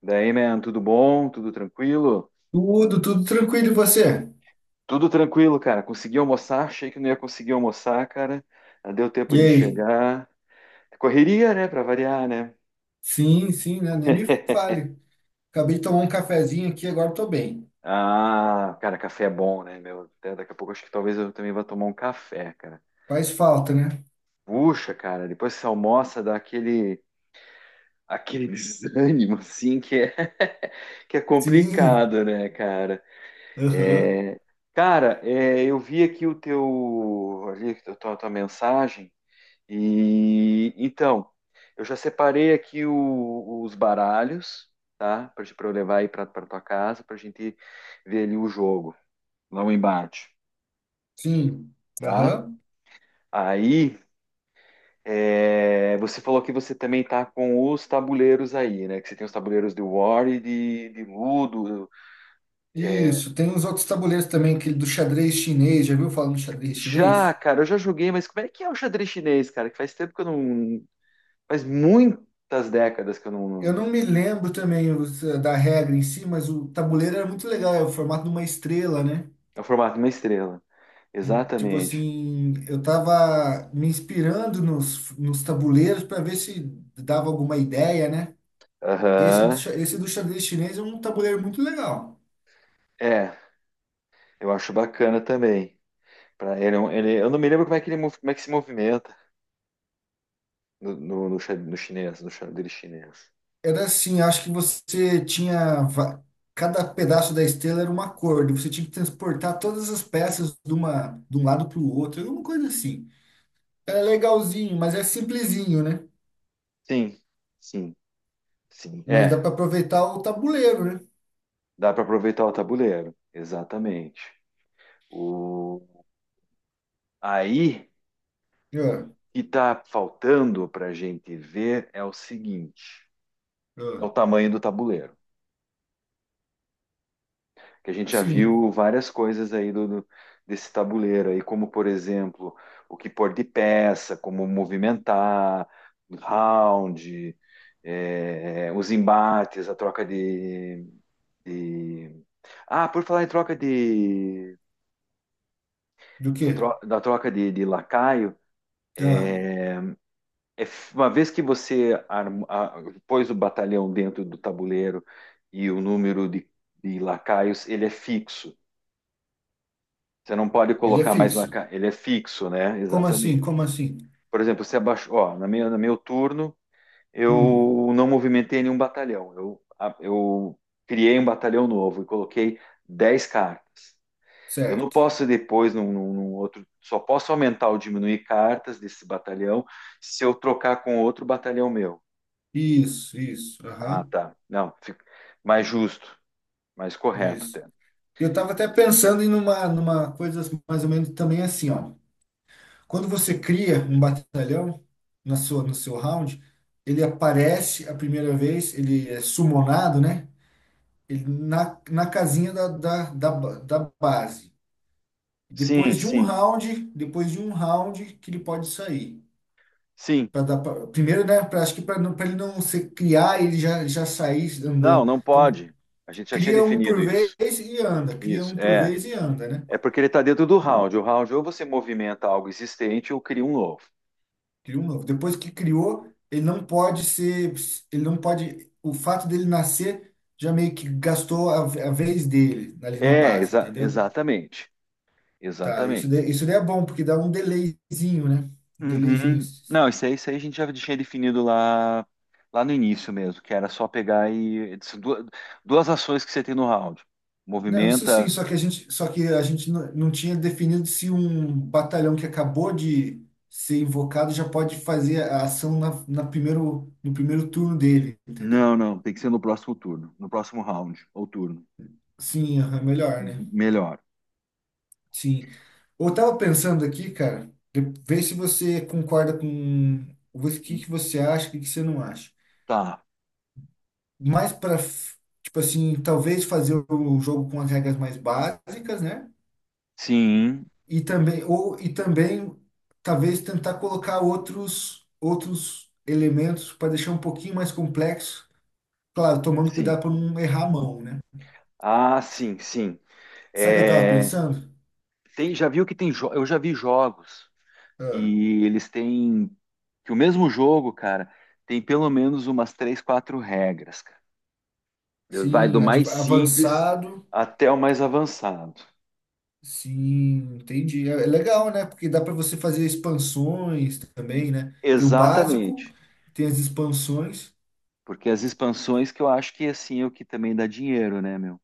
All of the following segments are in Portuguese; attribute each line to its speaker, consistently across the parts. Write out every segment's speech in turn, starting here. Speaker 1: Daí, man, tudo bom? Tudo tranquilo?
Speaker 2: Tudo tranquilo, e você?
Speaker 1: Tudo tranquilo, cara. Consegui almoçar, achei que não ia conseguir almoçar, cara. Não deu tempo
Speaker 2: E
Speaker 1: de
Speaker 2: aí?
Speaker 1: chegar. Correria, né, pra variar, né?
Speaker 2: Sim, sim, né? Nem me fale. Acabei de tomar um cafezinho aqui, agora tô bem.
Speaker 1: Ah, cara, café é bom, né, meu? Até daqui a pouco acho que talvez eu também vá tomar um café, cara.
Speaker 2: Faz falta, né?
Speaker 1: Puxa, cara, depois que você almoça dá aquele, aquele desânimo, assim, que é, que é
Speaker 2: Sim.
Speaker 1: complicado, né, cara?
Speaker 2: Aham.
Speaker 1: É, cara, é, eu vi aqui o teu, ali, a tua, tua mensagem e então eu já separei aqui os baralhos, tá, para eu levar aí para tua casa para a gente ver ali o jogo lá o embate,
Speaker 2: Sim.
Speaker 1: tá?
Speaker 2: Aham.
Speaker 1: Aí é, você falou que você também tá com os tabuleiros aí, né? Que você tem os tabuleiros de War e de Ludo.
Speaker 2: Isso. Tem uns outros tabuleiros também, aquele do xadrez chinês. Já viu falando do xadrez
Speaker 1: Já,
Speaker 2: chinês?
Speaker 1: cara, eu já joguei, mas como é que é o xadrez chinês, cara? Que faz tempo que eu não. Faz muitas décadas que eu
Speaker 2: Eu
Speaker 1: não.
Speaker 2: não me lembro também da regra em si, mas o tabuleiro era muito legal, é o formato de uma estrela, né?
Speaker 1: É o formato de uma estrela.
Speaker 2: Tipo
Speaker 1: Exatamente.
Speaker 2: assim, eu tava me inspirando nos tabuleiros para ver se dava alguma ideia, né? Esse do,
Speaker 1: Aham.
Speaker 2: xa- esse do xadrez chinês é um tabuleiro muito legal.
Speaker 1: É, eu acho bacana também. Pra ele, é eu não me lembro como é que ele como é que se movimenta no chinês, no xadrez chinês.
Speaker 2: Era assim, acho que cada pedaço da estrela era uma cor, e você tinha que transportar todas as peças de um lado para o outro, alguma coisa assim. Era legalzinho, mas é simplesinho, né?
Speaker 1: Sim, sim, sim.
Speaker 2: Mas dá
Speaker 1: É,
Speaker 2: para aproveitar o tabuleiro, né?
Speaker 1: dá para aproveitar o tabuleiro. Exatamente. O, aí, o
Speaker 2: Ah,
Speaker 1: que está faltando para a gente ver é o seguinte: é
Speaker 2: ah,
Speaker 1: o tamanho do tabuleiro, que a gente já
Speaker 2: sim.
Speaker 1: viu várias coisas aí desse tabuleiro aí, como por exemplo, o que pôr de peça, como movimentar, round, os embates, a troca de, de- Ah, por falar em troca de.
Speaker 2: Do quê?
Speaker 1: Da troca de lacaio,
Speaker 2: Ah,
Speaker 1: eh, é uma vez que você pôs o batalhão dentro do tabuleiro e o número de lacaios, ele é fixo. Você não pode
Speaker 2: ele é
Speaker 1: colocar mais
Speaker 2: fixo.
Speaker 1: Ele é fixo, né?
Speaker 2: Como
Speaker 1: Exatamente.
Speaker 2: assim? Como assim?
Speaker 1: Por exemplo, você abaixou, ó, no meu turno,
Speaker 2: Hum,
Speaker 1: eu não movimentei nenhum batalhão. Eu criei um batalhão novo e coloquei 10 cartas. Eu não
Speaker 2: certo.
Speaker 1: posso depois, num outro, só posso aumentar ou diminuir cartas desse batalhão se eu trocar com outro batalhão meu.
Speaker 2: Isso, isso.
Speaker 1: Ah,
Speaker 2: Aham,
Speaker 1: tá. Não, fica mais justo, mais correto,
Speaker 2: isso.
Speaker 1: até.
Speaker 2: Eu estava até pensando numa coisa mais ou menos também assim, ó. Quando você cria um batalhão no seu round, ele aparece a primeira vez, ele é summonado, né? Ele na casinha da base.
Speaker 1: Sim,
Speaker 2: Depois de um
Speaker 1: sim,
Speaker 2: round, depois de um round que ele pode sair.
Speaker 1: sim.
Speaker 2: Pra dar primeiro, né? Pra, acho que para ele não se criar, ele já sair
Speaker 1: Não,
Speaker 2: andando.
Speaker 1: não
Speaker 2: Então,
Speaker 1: pode. A gente já tinha
Speaker 2: cria um
Speaker 1: definido
Speaker 2: por vez
Speaker 1: isso.
Speaker 2: e anda, cria
Speaker 1: Isso,
Speaker 2: um por
Speaker 1: é.
Speaker 2: vez e anda, né?
Speaker 1: É porque ele está dentro do round. O round ou você movimenta algo existente ou cria um novo.
Speaker 2: Criou um novo. Depois que criou, ele não pode ser, ele não pode, o fato dele nascer já meio que gastou a vez dele ali na
Speaker 1: É,
Speaker 2: base, entendeu?
Speaker 1: exatamente.
Speaker 2: Tá,
Speaker 1: Exatamente.
Speaker 2: isso daí é bom, porque dá um delayzinho, né? Um delayzinho.
Speaker 1: Uhum. Não, isso aí a gente já tinha definido lá, lá no início mesmo, que era só pegar e. Duas, duas ações que você tem no round.
Speaker 2: Não, isso sim,
Speaker 1: Movimenta.
Speaker 2: só que a gente não tinha definido se um batalhão que acabou de ser invocado já pode fazer a ação no primeiro turno dele, entendeu?
Speaker 1: Não, não, tem que ser no próximo turno. No próximo round ou turno.
Speaker 2: Sim, aham, melhor, né?
Speaker 1: Uhum, melhor.
Speaker 2: Sim. Eu tava pensando aqui, cara, vê se você concorda com o que que você acha, o que que você não acha.
Speaker 1: Tá.
Speaker 2: Mais para, tipo assim, talvez fazer o jogo com as regras mais básicas, né?
Speaker 1: Sim,
Speaker 2: E também talvez tentar colocar outros elementos para deixar um pouquinho mais complexo, claro, tomando
Speaker 1: sim.
Speaker 2: cuidado para não errar a mão, né?
Speaker 1: Ah, sim, sim.
Speaker 2: Sabe o que eu tava
Speaker 1: É,
Speaker 2: pensando?
Speaker 1: tem, já viu que tem. Eu já vi jogos.
Speaker 2: Ah,
Speaker 1: Que eles têm que o mesmo jogo, cara, tem pelo menos umas três, quatro regras, cara. Vai do
Speaker 2: sim,
Speaker 1: mais simples
Speaker 2: avançado.
Speaker 1: até o mais avançado.
Speaker 2: Sim, entendi. É legal, né? Porque dá para você fazer expansões também, né? Tem o básico,
Speaker 1: Exatamente.
Speaker 2: tem as expansões.
Speaker 1: Porque as expansões que eu acho que assim é o que também dá dinheiro, né, meu?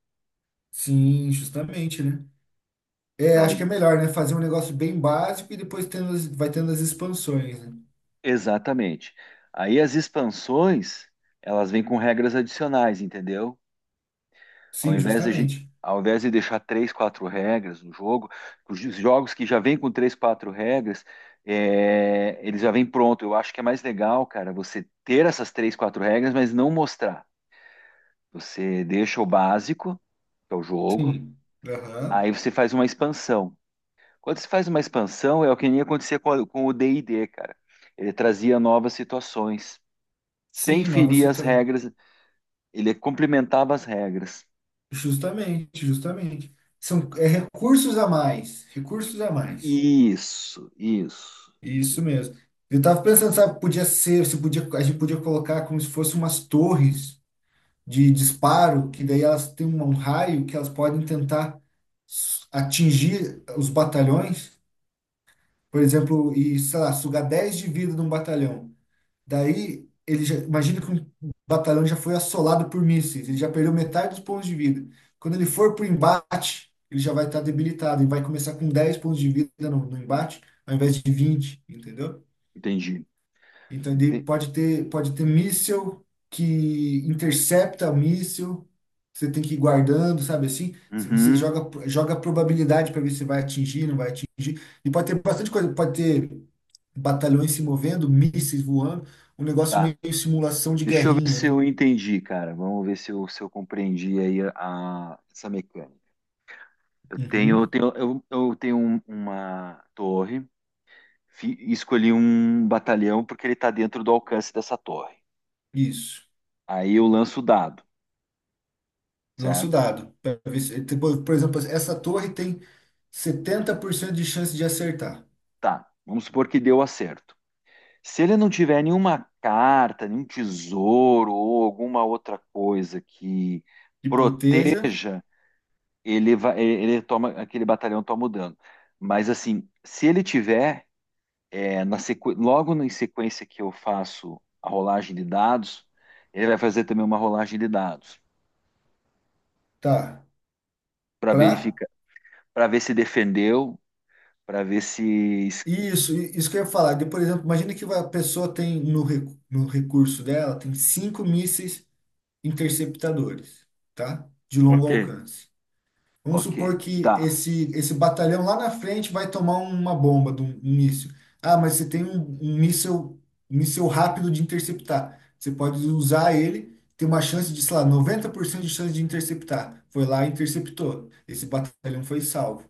Speaker 2: Sim, justamente, né? É, acho
Speaker 1: Aí-
Speaker 2: que é melhor, né? Fazer um negócio bem básico e depois vai tendo as expansões, né?
Speaker 1: exatamente. Aí as expansões, elas vêm com regras adicionais, entendeu? Ao
Speaker 2: Sim,
Speaker 1: invés de,
Speaker 2: justamente.
Speaker 1: ao invés de deixar três, quatro regras no jogo, os jogos que já vêm com três, quatro regras, é, eles já vêm pronto. Eu acho que é mais legal, cara, você ter essas três, quatro regras, mas não mostrar. Você deixa o básico, que é o jogo,
Speaker 2: Sim. Aham.
Speaker 1: aí você faz uma expansão. Quando você faz uma expansão, é o que nem acontecia com, com o D&D, cara. Ele trazia novas situações, sem
Speaker 2: Sim, nova
Speaker 1: ferir as
Speaker 2: situação.
Speaker 1: regras, ele complementava as regras.
Speaker 2: Justamente, justamente. É recursos a mais. Recursos a mais.
Speaker 1: Isso, isso.
Speaker 2: Isso mesmo. Eu tava pensando, sabe, podia ser, se podia, a gente podia colocar como se fosse umas torres de disparo, que daí elas têm um raio que elas podem tentar atingir os batalhões, por exemplo, e, sei lá, sugar 10 de vida de um batalhão. Daí, imagina que um batalhão já foi assolado por mísseis, ele já perdeu metade dos pontos de vida. Quando ele for para o embate, ele já vai estar debilitado e vai começar com 10 pontos de vida no embate, ao invés de 20, entendeu?
Speaker 1: Entendi.
Speaker 2: Então, ele
Speaker 1: Ente-
Speaker 2: pode ter, pode ter míssil que intercepta o míssil. Você tem que ir guardando, sabe assim? Você
Speaker 1: Uhum.
Speaker 2: joga a probabilidade para ver se vai atingir, não vai atingir. E pode ter bastante coisa. Pode ter batalhões se movendo, mísseis voando. Um negócio
Speaker 1: Tá.
Speaker 2: meio simulação de
Speaker 1: Deixa eu ver
Speaker 2: guerrinha,
Speaker 1: se
Speaker 2: né?
Speaker 1: eu entendi, cara. Vamos ver se eu, se eu compreendi aí a, essa mecânica. Eu tenho, eu
Speaker 2: Uhum,
Speaker 1: tenho, eu tenho uma torre, escolhi um batalhão porque ele está dentro do alcance dessa torre.
Speaker 2: isso.
Speaker 1: Aí eu lanço o dado,
Speaker 2: Lança o
Speaker 1: certo?
Speaker 2: dado. Pra ver tipo, por exemplo, essa torre tem 70% de chance de acertar.
Speaker 1: Tá. Vamos supor que deu acerto. Se ele não tiver nenhuma carta, nenhum tesouro ou alguma outra coisa que
Speaker 2: E proteja,
Speaker 1: proteja, ele vai, ele toma, aquele batalhão toma o dano. Mas assim, se ele tiver, é, na sequ... logo em sequência que eu faço a rolagem de dados, ele vai fazer também uma rolagem de dados
Speaker 2: tá?
Speaker 1: para
Speaker 2: Pra
Speaker 1: verificar, para ver se defendeu, para ver se.
Speaker 2: Isso que eu ia falar. De, por exemplo, imagina que a pessoa tem no recurso dela, tem 5 mísseis interceptadores, tá? De longo
Speaker 1: Ok.
Speaker 2: alcance. Vamos
Speaker 1: Ok,
Speaker 2: supor que
Speaker 1: tá.
Speaker 2: esse batalhão lá na frente vai tomar uma bomba de um míssil. Ah, mas você tem um míssil rápido de interceptar. Você pode usar ele, tem uma chance de, sei lá, 90% de chance de interceptar. Foi lá e interceptou. Esse batalhão foi salvo,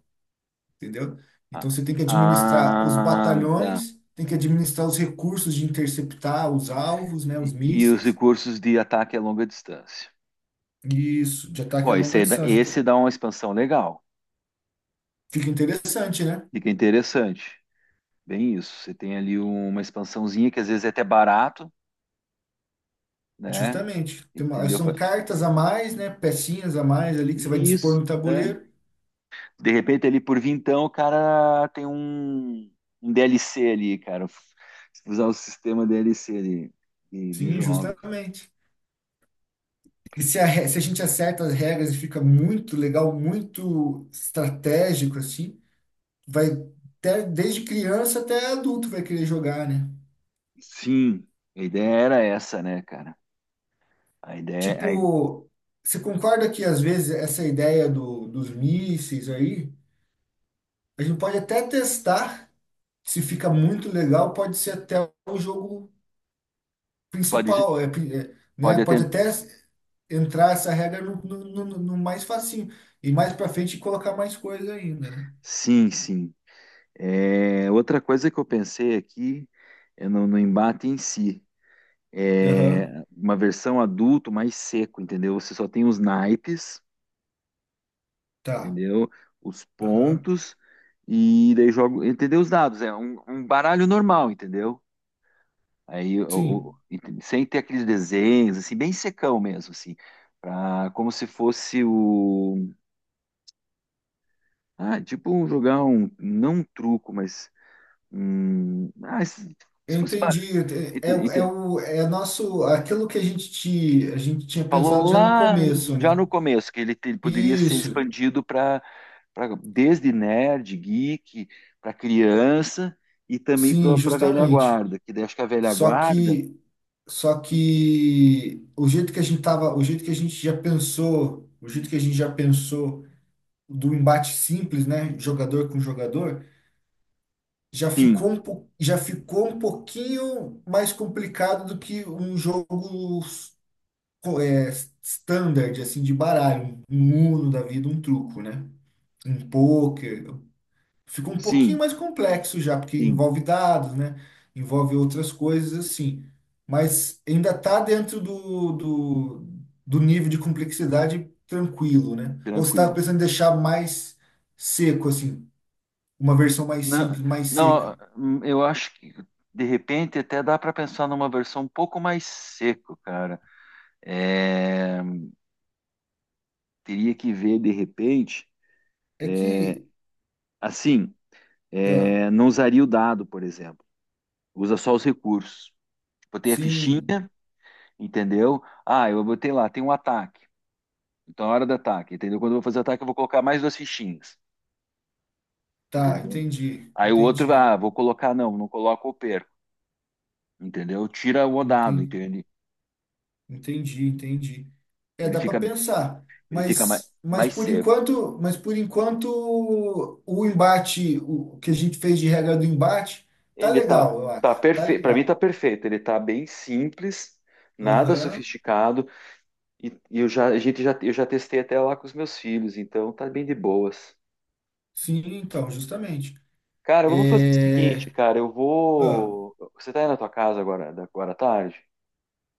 Speaker 2: entendeu?
Speaker 1: Ah,
Speaker 2: Então você tem que administrar os
Speaker 1: ah, tá.
Speaker 2: batalhões, tem que administrar os recursos de interceptar os alvos, né, os
Speaker 1: E os
Speaker 2: mísseis,
Speaker 1: recursos de ataque a longa distância.
Speaker 2: e isso, de ataque a
Speaker 1: Ó,
Speaker 2: longa distância.
Speaker 1: esse dá uma expansão legal.
Speaker 2: Fica interessante, né?
Speaker 1: Fica interessante. Bem isso. Você tem ali uma expansãozinha que às vezes é até barato, né?
Speaker 2: Justamente. Tem
Speaker 1: Entendeu?
Speaker 2: são cartas a mais, né, pecinhas a mais ali que você vai dispor
Speaker 1: Isso,
Speaker 2: no
Speaker 1: é.
Speaker 2: tabuleiro.
Speaker 1: De repente ali por vintão o cara tem um, um DLC ali, cara. Usar o sistema DLC ali de
Speaker 2: Sim,
Speaker 1: jogos.
Speaker 2: justamente. E se se a gente acerta as regras e fica muito legal, muito estratégico assim, vai desde criança até adulto vai querer jogar, né?
Speaker 1: Sim, a ideia era essa, né, cara? A ideia, aí
Speaker 2: Tipo, você concorda que às vezes essa ideia dos mísseis aí, a gente pode até testar se fica muito legal, pode ser até o jogo
Speaker 1: pode,
Speaker 2: principal, é, né?
Speaker 1: pode até.
Speaker 2: Pode até entrar essa regra no mais facinho e mais para frente colocar mais coisa ainda, né?
Speaker 1: Sim, sim. É, outra coisa que eu pensei aqui é no, no embate em si.
Speaker 2: Aham,
Speaker 1: É, uma versão adulto mais seco, entendeu? Você só tem os naipes,
Speaker 2: tá.
Speaker 1: entendeu? Os
Speaker 2: Aham.
Speaker 1: pontos e daí joga, entendeu? Os dados, é um, um baralho normal, entendeu? Aí,
Speaker 2: Sim.
Speaker 1: sem ter aqueles desenhos, assim, bem secão mesmo, assim, pra, como se fosse o, ah, tipo jogar um, não um truco, mas, um, ah, se
Speaker 2: Eu
Speaker 1: fosse baralho,
Speaker 2: entendi. É nosso, aquilo que a gente tinha pensado
Speaker 1: falou
Speaker 2: já no
Speaker 1: lá
Speaker 2: começo,
Speaker 1: já no
Speaker 2: né?
Speaker 1: começo que ele, ele poderia ser
Speaker 2: Isso.
Speaker 1: expandido para desde nerd, geek, para criança e também para
Speaker 2: Sim,
Speaker 1: a velha
Speaker 2: justamente.
Speaker 1: guarda, que daí acho que a velha
Speaker 2: Só
Speaker 1: guarda,
Speaker 2: que, só que o jeito que a gente já pensou do embate simples, né, jogador com jogador, já
Speaker 1: sim,
Speaker 2: ficou já ficou um pouquinho mais complicado do que um jogo co- é, standard, assim, de baralho, um Uno da vida, um truco, né? Um pôquer. Fica um pouquinho
Speaker 1: sim,
Speaker 2: mais complexo já, porque
Speaker 1: sim,
Speaker 2: envolve dados, né? Envolve outras coisas assim. Mas ainda está dentro do nível de complexidade tranquilo, né? Ou você estava
Speaker 1: tranquilo.
Speaker 2: pensando em deixar mais seco, assim, uma versão mais
Speaker 1: Não,
Speaker 2: simples, mais
Speaker 1: não,
Speaker 2: seca?
Speaker 1: eu acho que de repente até dá para pensar numa versão um pouco mais seco, cara. É, teria que ver de repente,
Speaker 2: É que,
Speaker 1: assim,
Speaker 2: ah,
Speaker 1: é, não usaria o dado, por exemplo. Usa só os recursos. Botei a fichinha.
Speaker 2: sim,
Speaker 1: Entendeu? Ah, eu botei lá, tem um ataque. Então, a hora do ataque, entendeu? Quando eu vou fazer o ataque, eu vou colocar mais duas fichinhas,
Speaker 2: tá,
Speaker 1: entendeu?
Speaker 2: entendi,
Speaker 1: Aí o outro,
Speaker 2: entendi,
Speaker 1: ah, vou colocar, não, não coloco ou perco, entendeu? Tira o dado,
Speaker 2: entendi.
Speaker 1: entende?
Speaker 2: Entendi, entendi. É,
Speaker 1: Ele
Speaker 2: dá para
Speaker 1: fica,
Speaker 2: pensar,
Speaker 1: ele fica mais,
Speaker 2: mas
Speaker 1: mais
Speaker 2: por
Speaker 1: seco.
Speaker 2: enquanto, mas por enquanto o que a gente fez de regra do embate, tá
Speaker 1: Ele tá,
Speaker 2: legal, eu
Speaker 1: tá
Speaker 2: acho. Tá
Speaker 1: perfeito, para mim tá
Speaker 2: legal.
Speaker 1: perfeito. Ele tá bem simples, nada
Speaker 2: Aham.
Speaker 1: sofisticado, e eu já, a gente já, eu já testei até lá com os meus filhos, então tá bem de boas.
Speaker 2: Sim, então, justamente.
Speaker 1: Cara, vamos fazer o
Speaker 2: É,
Speaker 1: seguinte, cara, eu
Speaker 2: ah,
Speaker 1: vou. Você tá aí na tua casa agora, agora à tarde?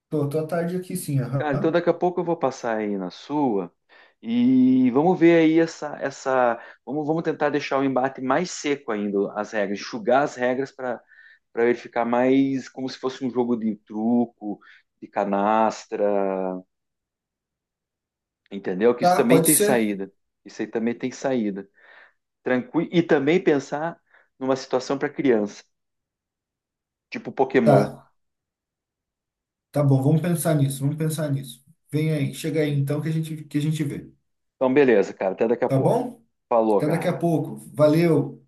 Speaker 2: tô à tarde aqui, sim, aham.
Speaker 1: Cara, então daqui a pouco eu vou passar aí na sua e vamos ver aí essa, vamos, vamos tentar deixar o embate mais seco ainda, as regras, enxugar as regras para para ele ficar mais como se fosse um jogo de truco, de canastra, entendeu? Que isso
Speaker 2: Tá,
Speaker 1: também
Speaker 2: pode
Speaker 1: tem
Speaker 2: ser?
Speaker 1: saída. Isso aí também tem saída. Tranquilo. E também pensar numa situação para criança, tipo Pokémon.
Speaker 2: Tá. Tá bom, vamos pensar nisso, vamos pensar nisso. Vem aí, chega aí então que a gente vê.
Speaker 1: Então, beleza, cara. Até daqui a
Speaker 2: Tá
Speaker 1: pouco.
Speaker 2: bom?
Speaker 1: Falou,
Speaker 2: Até daqui a
Speaker 1: cara.
Speaker 2: pouco. Valeu.